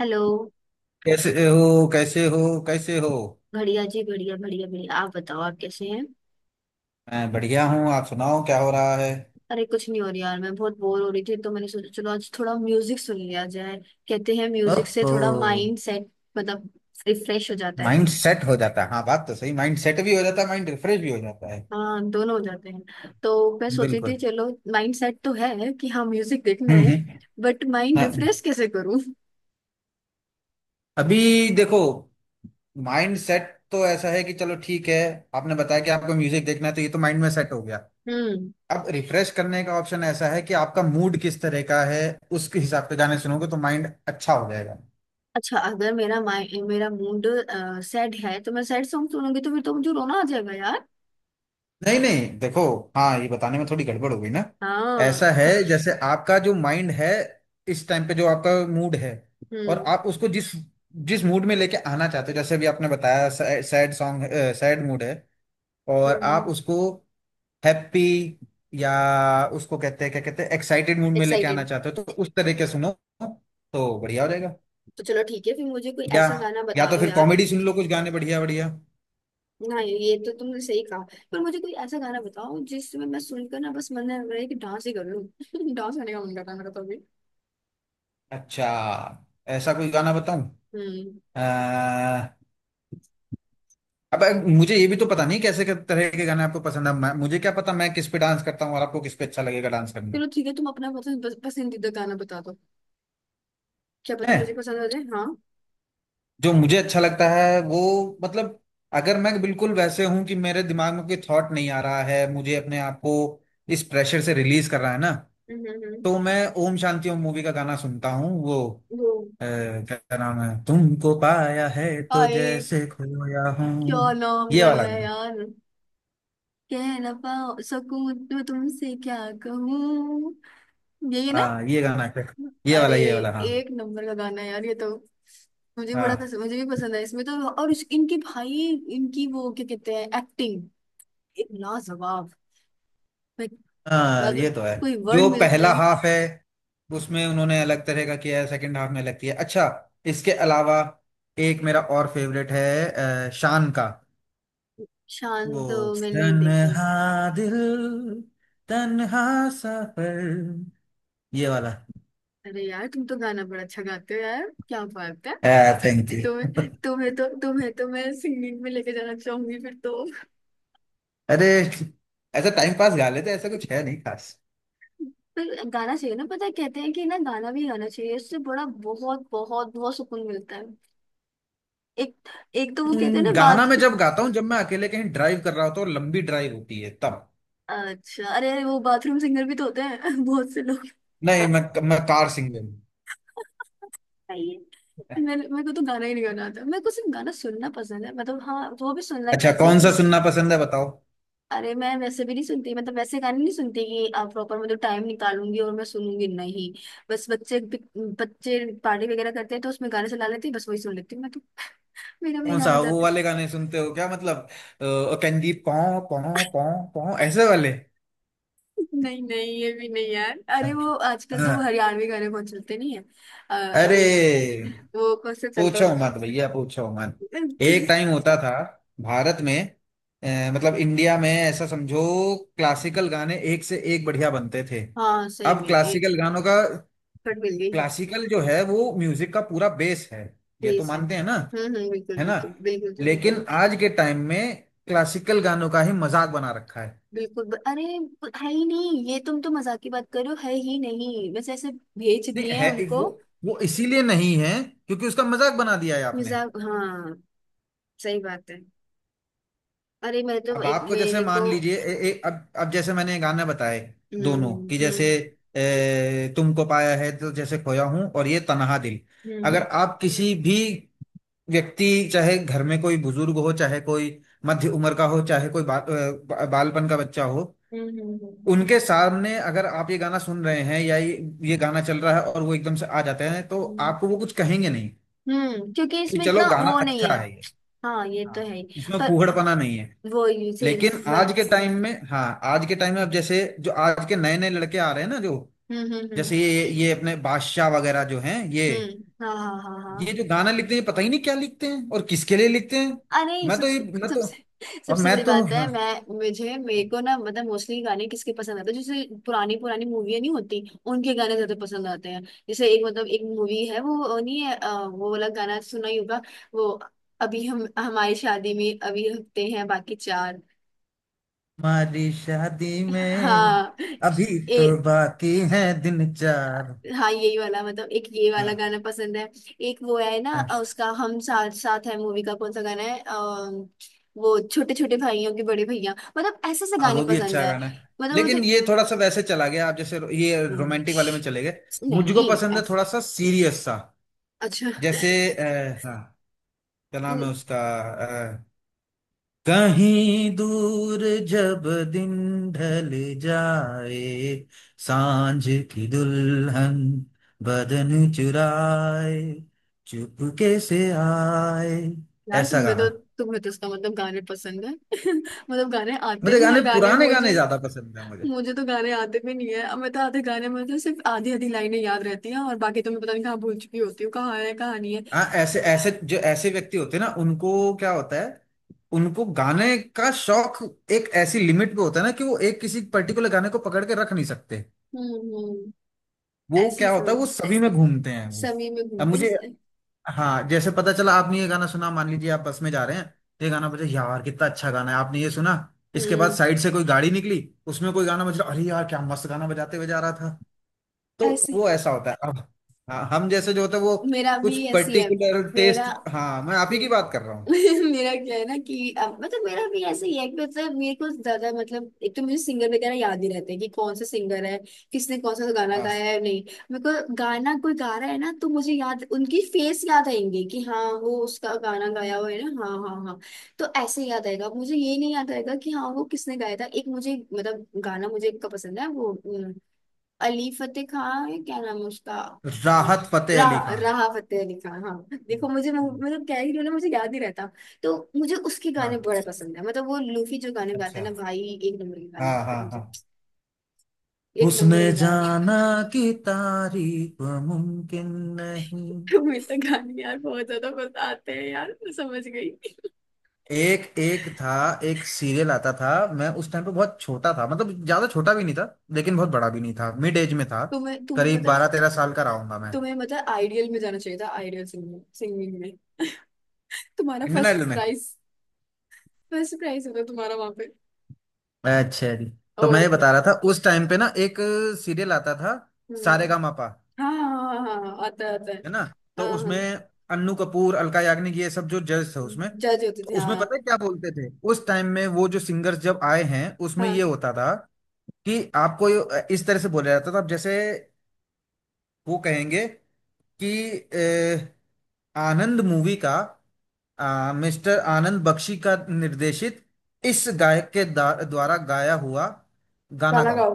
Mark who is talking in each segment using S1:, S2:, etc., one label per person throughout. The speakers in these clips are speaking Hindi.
S1: हेलो।
S2: कैसे हो कैसे हो कैसे हो।
S1: बढ़िया जी, बढ़िया, बढ़िया, बढ़िया। आप बताओ, आप कैसे हैं।
S2: मैं बढ़िया हूँ। आप सुनाओ क्या हो रहा है।
S1: अरे कुछ नहीं हो रहा यार, मैं बहुत बोर हो रही थी तो मैंने सोचा चलो आज थोड़ा म्यूजिक सुन लिया जाए। कहते हैं म्यूजिक से
S2: ओहो।
S1: थोड़ा माइंड सेट, मतलब रिफ्रेश हो जाता है।
S2: माइंड सेट हो जाता है। हाँ, बात तो सही। माइंड सेट भी हो जाता है, माइंड रिफ्रेश भी हो जाता है।
S1: हाँ, दोनों हो जाते हैं, तो मैं सोच रही
S2: बिल्कुल।
S1: थी चलो माइंड सेट तो है कि हाँ म्यूजिक देखना है।
S2: हम्म।
S1: बट माइंड
S2: हाँ,
S1: रिफ्रेश कैसे करूँ।
S2: अभी देखो, माइंड सेट तो ऐसा है कि चलो ठीक है। आपने बताया कि आपको म्यूजिक देखना है तो ये तो माइंड में सेट हो गया।
S1: हम्म।
S2: अब रिफ्रेश करने का ऑप्शन ऐसा है कि आपका मूड किस तरह का है। उसके हिसाब से गाने सुनोगे तो माइंड अच्छा हो जाएगा।
S1: अच्छा, अगर मेरा माइ मेरा मूड सैड है तो मैं सैड सॉन्ग सुनूंगी तो फिर तो मुझे रोना आ जाएगा यार।
S2: नहीं नहीं, देखो। हाँ, ये बताने में थोड़ी गड़बड़ हो गई ना।
S1: हाँ।
S2: ऐसा है, जैसे आपका जो माइंड है, इस टाइम पे जो आपका मूड है, और
S1: हम्म
S2: आप उसको जिस जिस मूड में लेके आना चाहते हो, जैसे अभी आपने बताया सैड सॉन्ग, सैड मूड है और आप
S1: हम्म।
S2: उसको हैप्पी या उसको कहते हैं, क्या कहते हैं, एक्साइटेड मूड में लेके आना
S1: एक्साइटेड।
S2: चाहते हो तो उस तरह के सुनो तो बढ़िया हो जाएगा।
S1: तो चलो ठीक है, फिर मुझे कोई
S2: या
S1: ऐसा गाना
S2: या
S1: बता
S2: तो
S1: दो
S2: फिर
S1: यार।
S2: कॉमेडी सुन लो, कुछ गाने बढ़िया बढ़िया।
S1: ना, ये तो तुमने सही कहा। पर मुझे कोई ऐसा गाना बताओ जिसमें मैं सुनकर ना बस मन लग रहा है कि डांस ही कर लूं। डांस करने का मन कर रहा है मेरा तो अभी।
S2: अच्छा, ऐसा कोई गाना बताऊं।
S1: हम्म।
S2: अब मुझे ये भी तो पता नहीं कैसे किस तरह के गाने आपको पसंद है। मुझे क्या पता मैं किस पे डांस करता हूँ और आपको किस पे अच्छा लगेगा डांस करना।
S1: चलो ठीक है, तुम अपना पसंद पसंदीदा गाना बता दो। क्या पता
S2: है
S1: मुझे पसंद आ जाए, हाँ।
S2: जो मुझे अच्छा लगता है वो, मतलब, अगर मैं बिल्कुल वैसे हूं कि मेरे दिमाग में कोई थॉट नहीं आ रहा है, मुझे अपने आप को इस प्रेशर से रिलीज कर रहा है ना,
S1: हम्म हम्म हम्म।
S2: तो मैं ओम शांति ओम मूवी का गाना सुनता हूँ वो
S1: वो
S2: क्या नाम है, तुमको पाया है तो
S1: आए,
S2: जैसे खोया
S1: क्या
S2: हूँ,
S1: नाम
S2: ये वाला
S1: गाना है
S2: गाना।
S1: यार। कह ना पाओ सकूं तो तुमसे क्या कहूँ, यही है ना।
S2: हाँ ये गाना, ये
S1: अरे,
S2: वाला ये वाला हाँ।
S1: एक नंबर का गाना है यार ये तो। मुझे बड़ा
S2: हाँ
S1: पसंद, मुझे भी पसंद है इसमें तो, और इनके भाई, इनकी वो क्या कहते हैं एक्टिंग एक लाजवाब। मैं-
S2: हाँ
S1: अगर
S2: ये तो है।
S1: कोई वर्ड
S2: जो
S1: मिल जाए।
S2: पहला हाफ है उसमें उन्होंने अलग तरह का किया है, सेकंड हाफ में अलग किया है। अच्छा। इसके अलावा एक मेरा और फेवरेट है, शान का, वो
S1: शान तो मैंने देखे।
S2: तन्हा दिल तन्हा सफर, ये वाला।
S1: अरे यार तुम तो गाना बड़ा अच्छा गाते हो यार, क्या बात है।
S2: Thank you.
S1: तुम्हें तुम्हें तो मैं सिंगिंग में लेके जाना चाहूंगी फिर तो।
S2: अरे, ऐसा टाइम पास गा लेते, ऐसा कुछ है नहीं खास।
S1: पर गाना चाहिए ना, पता है कहते हैं कि ना गाना भी गाना चाहिए, इससे बड़ा बहुत बहुत बहुत सुकून मिलता है। एक एक तो वो कहते हैं ना
S2: गाना मैं
S1: बात।
S2: जब गाता हूँ जब मैं अकेले कहीं ड्राइव कर रहा होता हूँ, लंबी ड्राइव होती है तब।
S1: अच्छा, अरे अरे वो बाथरूम सिंगर भी तो होते हैं बहुत से लोग।
S2: नहीं, मैं कार सिंगर हूँ।
S1: सही है। मेरे मेरे को तो गाना ही नहीं, गाना आता मेरे को सिर्फ गाना सुनना पसंद है, मतलब हाँ वो भी सुनना
S2: अच्छा,
S1: कैसे
S2: कौन सा
S1: कि
S2: सुनना पसंद है बताओ।
S1: अरे मैं वैसे भी नहीं सुनती, मतलब वैसे गाने नहीं सुनती कि आप प्रॉपर मतलब टाइम निकालूंगी और मैं सुनूंगी नहीं। बस बच्चे बच्चे पार्टी वगैरह करते हैं तो उसमें गाने चला लेते हैं, बस वही सुन लेती हूँ मैं तो। मेरा भी
S2: कौन
S1: गाना
S2: सा वो
S1: चाहते।
S2: वाले गाने सुनते हो क्या, मतलब कंदीप पौ पौ पौ पौ ऐसे वाले।
S1: नहीं नहीं, ये भी नहीं यार,
S2: हाँ।
S1: अरे वो आजकल तो वो
S2: हाँ।
S1: हरियाणवी गाने बहुत चलते नहीं है। अभी
S2: अरे
S1: वो कौन सा चल रहा
S2: पूछो मत भैया पूछो मत।
S1: था।
S2: एक टाइम होता था भारत में, मतलब इंडिया में, ऐसा समझो, क्लासिकल गाने एक से एक बढ़िया बनते थे।
S1: हाँ सही
S2: अब
S1: में ये
S2: क्लासिकल गानों का,
S1: कट मिल गई।
S2: क्लासिकल जो है वो म्यूजिक का पूरा बेस है, ये
S1: यही
S2: तो
S1: सही।
S2: मानते हैं ना,
S1: हम्म, बिल्कुल
S2: है ना।
S1: बिल्कुल बिल्कुल बिल्कुल
S2: लेकिन आज के टाइम में क्लासिकल गानों का ही मजाक बना रखा है।
S1: बिल्कुल अरे है ही नहीं ये, तुम तो मजाक की बात करो, है ही नहीं बस ऐसे भेज
S2: नहीं
S1: दिए हैं
S2: है
S1: उनको।
S2: वो इसीलिए नहीं है क्योंकि उसका मजाक बना दिया है आपने।
S1: मजाक, हाँ सही बात है। अरे मैं तो
S2: अब
S1: एक
S2: आपको जैसे
S1: मेरे को।
S2: मान लीजिए, ए, ए, अब जैसे मैंने गाना बताए दोनों,
S1: हम्म
S2: कि जैसे
S1: हम्म
S2: तुमको पाया है तो जैसे खोया हूं, और ये तन्हा दिल। अगर
S1: हम्म
S2: आप किसी भी व्यक्ति, चाहे घर में कोई बुजुर्ग हो, चाहे कोई मध्य उम्र का हो, चाहे कोई बालपन का बच्चा हो,
S1: हम्म हम्म हम्म हम्म,
S2: उनके सामने अगर आप ये गाना सुन रहे हैं या ये गाना चल रहा है और वो एकदम से आ जाते हैं तो
S1: हम्म,
S2: आपको वो कुछ कहेंगे नहीं
S1: क्योंकि
S2: कि
S1: इसमें
S2: चलो
S1: इतना
S2: गाना
S1: वो नहीं है।
S2: अच्छा है ये।
S1: हाँ ये
S2: हाँ,
S1: तो है ही,
S2: इसमें
S1: पर
S2: फूहड़पना नहीं है।
S1: वो सेम।
S2: लेकिन आज के टाइम में, हाँ, आज के टाइम में अब जैसे जो आज के नए नए लड़के आ रहे हैं ना जो,
S1: हम्म हम्म हम्म
S2: जैसे ये अपने बादशाह वगैरह जो हैं,
S1: हम्म। हाँ हाँ हाँ
S2: ये
S1: हाँ।
S2: जो गाना लिखते हैं पता ही नहीं क्या लिखते हैं और किसके लिए लिखते हैं।
S1: अरे
S2: मैं तो ये
S1: सबसे
S2: मैं तो
S1: सबसे
S2: और
S1: सबसे
S2: मैं
S1: बड़ी
S2: तो,
S1: बात है,
S2: हाँ,
S1: मैं मुझे मेरे को ना, मतलब मोस्टली गाने किसके पसंद आते हैं, जैसे पुरानी पुरानी मूवियां नहीं होती, उनके गाने ज्यादा पसंद आते हैं। जैसे एक, मतलब एक मूवी है वो नहीं है वो वाला गाना सुना ही होगा। वो अभी हम हमारी शादी में अभी हफ्ते हैं बाकी 4।
S2: हमारी शादी में
S1: हाँ,
S2: अभी
S1: ए
S2: तो बाकी है दिन चार।
S1: हाँ यही वाला, मतलब एक ये वाला
S2: हाँ
S1: गाना पसंद है। एक वो है ना
S2: हाँ
S1: उसका हम साथ साथ है मूवी का कौन सा गाना है वो छोटे छोटे भाइयों के बड़े भैया, मतलब ऐसे से
S2: हाँ,
S1: गाने
S2: वो भी
S1: पसंद
S2: अच्छा
S1: है,
S2: गाना है।
S1: मतलब
S2: लेकिन
S1: मुझे।
S2: ये थोड़ा सा वैसे चला गया, आप जैसे ये
S1: अम,
S2: रोमांटिक वाले में चले गए। मुझको
S1: नहीं
S2: पसंद है थोड़ा सा सीरियस सा,
S1: अच्छा
S2: जैसे आ, हाँ, क्या नाम है उसका, अ, कहीं दूर जब दिन ढल जाए, सांझ की दुल्हन बदन चुराए चुपके से आए,
S1: यार,
S2: ऐसा
S1: तुम्हें
S2: गाना।
S1: तो तुम्हें तो उसका मतलब गाने पसंद है मतलब गाने आते
S2: मुझे
S1: भी
S2: गाने,
S1: हैं गाने
S2: पुराने
S1: मुझे।
S2: गाने ज्यादा पसंद है मुझे।
S1: मुझे तो गाने आते भी नहीं है, अब मैं तो आधे गाने में तो सिर्फ आधी आधी लाइनें याद रहती हैं और बाकी तो मैं पता नहीं कहाँ भूल चुकी होती हूँ, कहाँ है कहाँ नहीं है।
S2: हाँ, ऐसे ऐसे जो ऐसे व्यक्ति होते हैं ना, उनको क्या होता है, उनको गाने का शौक एक ऐसी लिमिट पे होता है ना कि वो एक किसी पर्टिकुलर गाने को पकड़ के रख नहीं सकते।
S1: हम्म हम्म।
S2: वो
S1: ऐसी
S2: क्या होता है,
S1: सोच।
S2: वो सभी में घूमते हैं वो।
S1: सभी में
S2: अब
S1: घूमते
S2: मुझे,
S1: हैं।
S2: हाँ, जैसे पता चला आपने ये गाना सुना, मान लीजिए आप बस में जा रहे हैं, तो ये गाना बजा, यार कितना अच्छा गाना है, आपने ये सुना। इसके बाद
S1: हम्म,
S2: साइड से कोई गाड़ी निकली, उसमें कोई गाना बज रहा, अरे यार क्या मस्त गाना बजाते हुए जा रहा था। तो
S1: ऐसे।
S2: वो ऐसा होता है। अब हाँ, हम जैसे जो होता है वो
S1: मेरा
S2: कुछ
S1: भी ऐसी है।
S2: पर्टिकुलर
S1: मेरा
S2: टेस्ट, हाँ मैं आप ही की बात कर रहा हूँ।
S1: मेरा क्या है ना कि अब, मतलब मेरा भी ऐसे ही है कि मतलब मेरे को ज्यादा, मतलब एक तो मुझे सिंगर वगैरह याद ही रहते हैं कि कौन सा सिंगर है, किसने कौन सा गाना
S2: हाँ,
S1: गाया है नहीं। मेरे को गाना कोई गा रहा है ना तो मुझे याद उनकी फेस याद आएंगे कि हाँ वो उसका गाना गाया हुआ है ना। हाँ हाँ हाँ। तो ऐसे याद आएगा मुझे, ये नहीं याद आएगा कि हाँ वो किसने गाया था। एक मुझे मतलब गाना मुझे एक का पसंद है, वो अली फतेह खान है, क्या नाम है उसका।
S2: राहत फतेह अली
S1: राह
S2: खान।
S1: राह फतेह अली खान, हाँ। देखो
S2: हम्म,
S1: मुझे
S2: हम्म,
S1: मतलब क्या ही ना, मुझे याद ही रहता। तो मुझे उसके गाने
S2: हाँ,
S1: बड़े पसंद है, मतलब वो लूफी जो गाने गाते हैं ना
S2: अच्छा,
S1: भाई, एक नंबर के गाने
S2: हाँ
S1: लगते हैं
S2: हाँ
S1: मुझे।
S2: हाँ।
S1: एक
S2: उसने
S1: नंबर के गाने।
S2: जाना कि तारीफ मुमकिन नहीं।
S1: तुम्हें तो गाने यार बहुत ज्यादा पसंद आते हैं यार, मैं समझ गई।
S2: एक एक था एक सीरियल आता था, मैं उस टाइम पे बहुत छोटा था, मतलब ज्यादा छोटा भी नहीं था, लेकिन बहुत बड़ा भी नहीं था, मिड एज में था।
S1: तुम्हें तुम्हें
S2: करीब
S1: पता।
S2: 12-13 साल का रहूंगा मैं।
S1: तुम्हें मतलब आइडियल में जाना चाहिए था, आइडियल सिंगिंग सिंगिंग में। तुम्हारा
S2: इंडियन
S1: फर्स्ट
S2: आइडल में।
S1: प्राइज। फर्स्ट प्राइज होता तुम्हारा वहां पे।
S2: अच्छा जी, तो मैं
S1: और
S2: ये
S1: क्या।
S2: बता रहा था, उस टाइम पे ना एक सीरियल आता था,
S1: हम्म,
S2: सारेगामापा,
S1: हाँ हाँ हाँ हाँ, आता है आता है।
S2: है ना।
S1: हाँ
S2: तो
S1: हाँ।
S2: उसमें अन्नू कपूर, अलका याग्निक, ये सब जो जज थे उसमें।
S1: जज होते
S2: तो
S1: थे,
S2: उसमें
S1: हाँ।
S2: पता है क्या बोलते थे उस टाइम में वो जो सिंगर्स जब आए हैं उसमें ये
S1: हाँ।
S2: होता था कि आपको ये- इस तरह से बोला जाता था, अब जैसे वो कहेंगे कि अ, आनंद मूवी का, मिस्टर आनंद बख्शी का निर्देशित, इस गायक के द्वारा गाया हुआ गाना
S1: गाना
S2: गाओ।
S1: गाओ।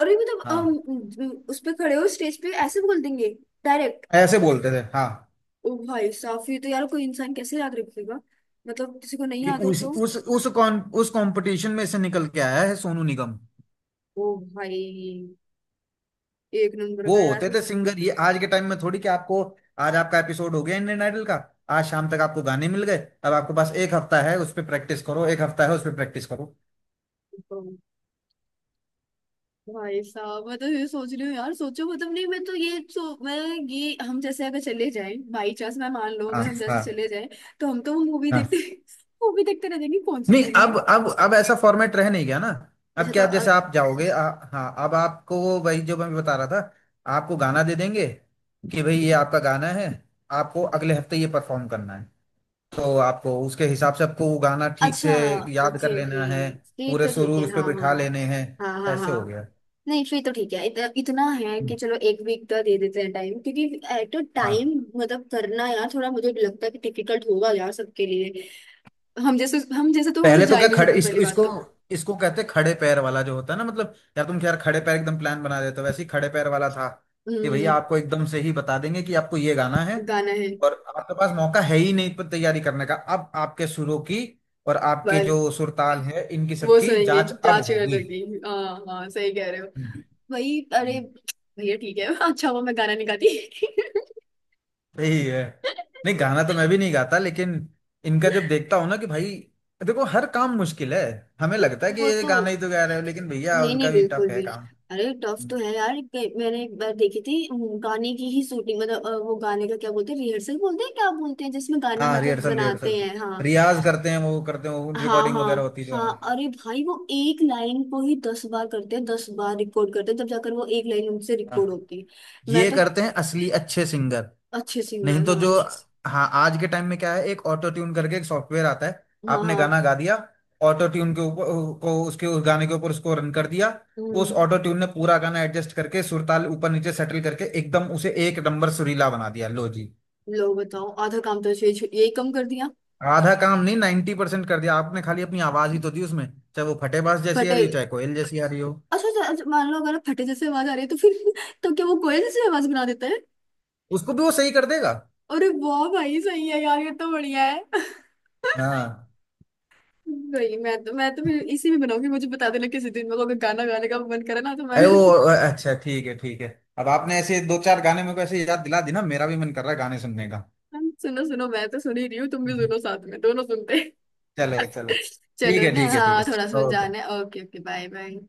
S1: और ये मतलब
S2: हाँ,
S1: उस पे खड़े हो स्टेज पे ऐसे बोल देंगे डायरेक्ट।
S2: ऐसे बोलते थे हाँ।
S1: ओ भाई साहब ये तो यार कोई इंसान कैसे याद रखेगा, मतलब किसी को नहीं
S2: कि
S1: याद हो
S2: उस
S1: तो।
S2: उस उस कॉन, उस कंपटीशन में से निकल के आया है सोनू निगम।
S1: ओ भाई, एक नंबर
S2: वो
S1: का यार।
S2: होते थे सिंगर, ये आज के टाइम में थोड़ी कि आपको आज आपका एपिसोड हो गया इंडियन आइडल का, आज शाम तक आपको गाने मिल गए, अब आपके पास एक हफ्ता है उस पर प्रैक्टिस करो, एक हफ्ता है उस पर प्रैक्टिस करो।
S1: भाई साहब मैं तो ये सोच रही हूँ यार, सोचो मतलब नहीं मैं तो ये सो मैं, ये हम जैसे अगर चले जाएं बाई चांस, मैं मान लो
S2: हाँ
S1: अगर हम जैसे
S2: हाँ
S1: चले जाएं तो हम तो मूवी
S2: हाँ।
S1: देखते मूवी देखते रह जाएंगे कौन सी
S2: नहीं,
S1: मूवी है।
S2: अब ऐसा फॉर्मेट रह नहीं गया ना। अब
S1: अच्छा
S2: क्या, अब
S1: तो।
S2: जैसे आप जाओगे, हाँ अब आपको, वही जो मैं बता रहा था, आपको गाना दे देंगे कि भाई ये आपका गाना है, आपको अगले हफ्ते ये परफॉर्म करना है, तो आपको उसके हिसाब से आपको वो गाना ठीक
S1: अच्छा,
S2: से याद
S1: ओके
S2: कर
S1: ओके,
S2: लेना है।
S1: फिर
S2: पूरे
S1: तो ठीक
S2: सुरूर
S1: है
S2: उस पर
S1: हाँ हाँ।
S2: बिठा लेने हैं।
S1: हाँ हाँ
S2: ऐसे हो
S1: हाँ।
S2: गया।
S1: नहीं फिर तो ठीक है, इतना है कि
S2: हम्म।
S1: चलो एक वीक का दे देते हैं टाइम, क्योंकि एट अ
S2: हाँ।
S1: टाइम मतलब करना यार थोड़ा मुझे लगता है कि डिफिकल्ट होगा यार सबके लिए। हम जैसे तो हो ही
S2: पहले तो
S1: जा
S2: क्या
S1: ही नहीं
S2: खड़े,
S1: सकते
S2: इसको
S1: पहली बात
S2: इसको
S1: तो।
S2: इसको कहते हैं खड़े पैर वाला जो होता है ना। मतलब यार तुम यार खड़े पैर एकदम प्लान बना देते हो, वैसे ही खड़े पैर वाला था कि
S1: हम्म।
S2: भैया आपको एकदम से ही बता देंगे कि आपको ये गाना है,
S1: गाना है
S2: और आपके पास मौका है ही नहीं पर तैयारी करने का। अब आपके सुरों की और आपके
S1: बस,
S2: जो सुरताल है इनकी
S1: वो
S2: सबकी
S1: सुनेंगे
S2: जांच अब
S1: जांच कर
S2: होगी।
S1: लगी, हाँ हाँ सही कह रहे हो।
S2: हम्म।
S1: वही, अरे भैया ठीक है अच्छा हुआ मैं गाना नहीं गाती।
S2: सही है। नहीं, गाना तो मैं भी नहीं गाता, लेकिन इनका जब देखता हूँ ना कि भाई देखो हर काम मुश्किल है, हमें लगता है कि
S1: वो
S2: ये
S1: तो
S2: गाना ही तो गा रहे हो, लेकिन भैया
S1: नहीं नहीं
S2: उनका भी टफ
S1: बिल्कुल
S2: है।
S1: भी। अरे टफ तो है यार, मैंने एक बार देखी थी गाने की ही शूटिंग मतलब वो गाने का क्या बोलते हैं रिहर्सल बोलते हैं क्या बोलते हैं जिसमें गाना
S2: हाँ,
S1: मतलब
S2: रिहर्सल
S1: बनाते
S2: रिहर्सल
S1: हैं, हाँ।
S2: रियाज करते हैं वो, करते हैं वो,
S1: हाँ
S2: रिकॉर्डिंग
S1: हाँ
S2: वगैरह होती है जो,
S1: हाँ।
S2: हाँ।
S1: अरे भाई वो एक लाइन को ही 10 बार करते हैं, 10 बार रिकॉर्ड करते हैं तब जाकर वो एक लाइन उनसे रिकॉर्ड
S2: हाँ।
S1: होती है, मैं
S2: ये
S1: तो।
S2: करते हैं असली अच्छे सिंगर।
S1: अच्छे
S2: नहीं
S1: सिंगर,
S2: तो
S1: हाँ
S2: जो, हाँ आज के टाइम में क्या है, एक ऑटो ट्यून करके एक सॉफ्टवेयर आता है,
S1: हाँ
S2: आपने
S1: हाँ।
S2: गाना गा दिया, ऑटो ट्यून के ऊपर को, उसके उस गाने के ऊपर उसको रन कर दिया, उस
S1: हम्म।
S2: ऑटो ट्यून ने पूरा गाना एडजस्ट करके सुरताल ऊपर नीचे सेटल करके एकदम उसे एक नंबर सुरीला बना दिया, लो जी।
S1: लो बताओ, आधा काम तो यही कम कर दिया।
S2: आधा काम नहीं, 90% कर दिया, आपने खाली अपनी आवाज ही तो दी उसमें, चाहे वो फटेबाज जैसी आ
S1: फटे।
S2: रही हो, चाहे कोयल जैसी आ रही हो।
S1: अच्छा अच्छा अच्छा, मान लो अगर फटे जैसे आवाज आ रही है तो फिर तो क्या वो कोयल जैसी आवाज बना देता है।
S2: उसको भी वो सही कर देगा।
S1: अरे वाह भाई सही है यार, ये तो बढ़िया है।
S2: हाँ,
S1: भाई मैं तो फिर इसी में बनाऊंगी, मुझे बता देना किसी दिन मेरे को अगर गाना गाने का मन करे ना तो मैं।
S2: अरे वो, अच्छा ठीक है ठीक है, अब आपने ऐसे दो चार गाने मेरे को ऐसे याद दिला दी ना, मेरा भी मन कर रहा है गाने सुनने का।
S1: सुनो सुनो, मैं तो सुन ही रही हूँ, तुम भी सुनो साथ में, दोनों सुनते हैं।
S2: चले चलो ठीक
S1: चलो
S2: है
S1: ना,
S2: ठीक है ठीक
S1: हाँ थोड़ा
S2: है
S1: सुन
S2: ओके।
S1: जाना है। Okay okay bye bye.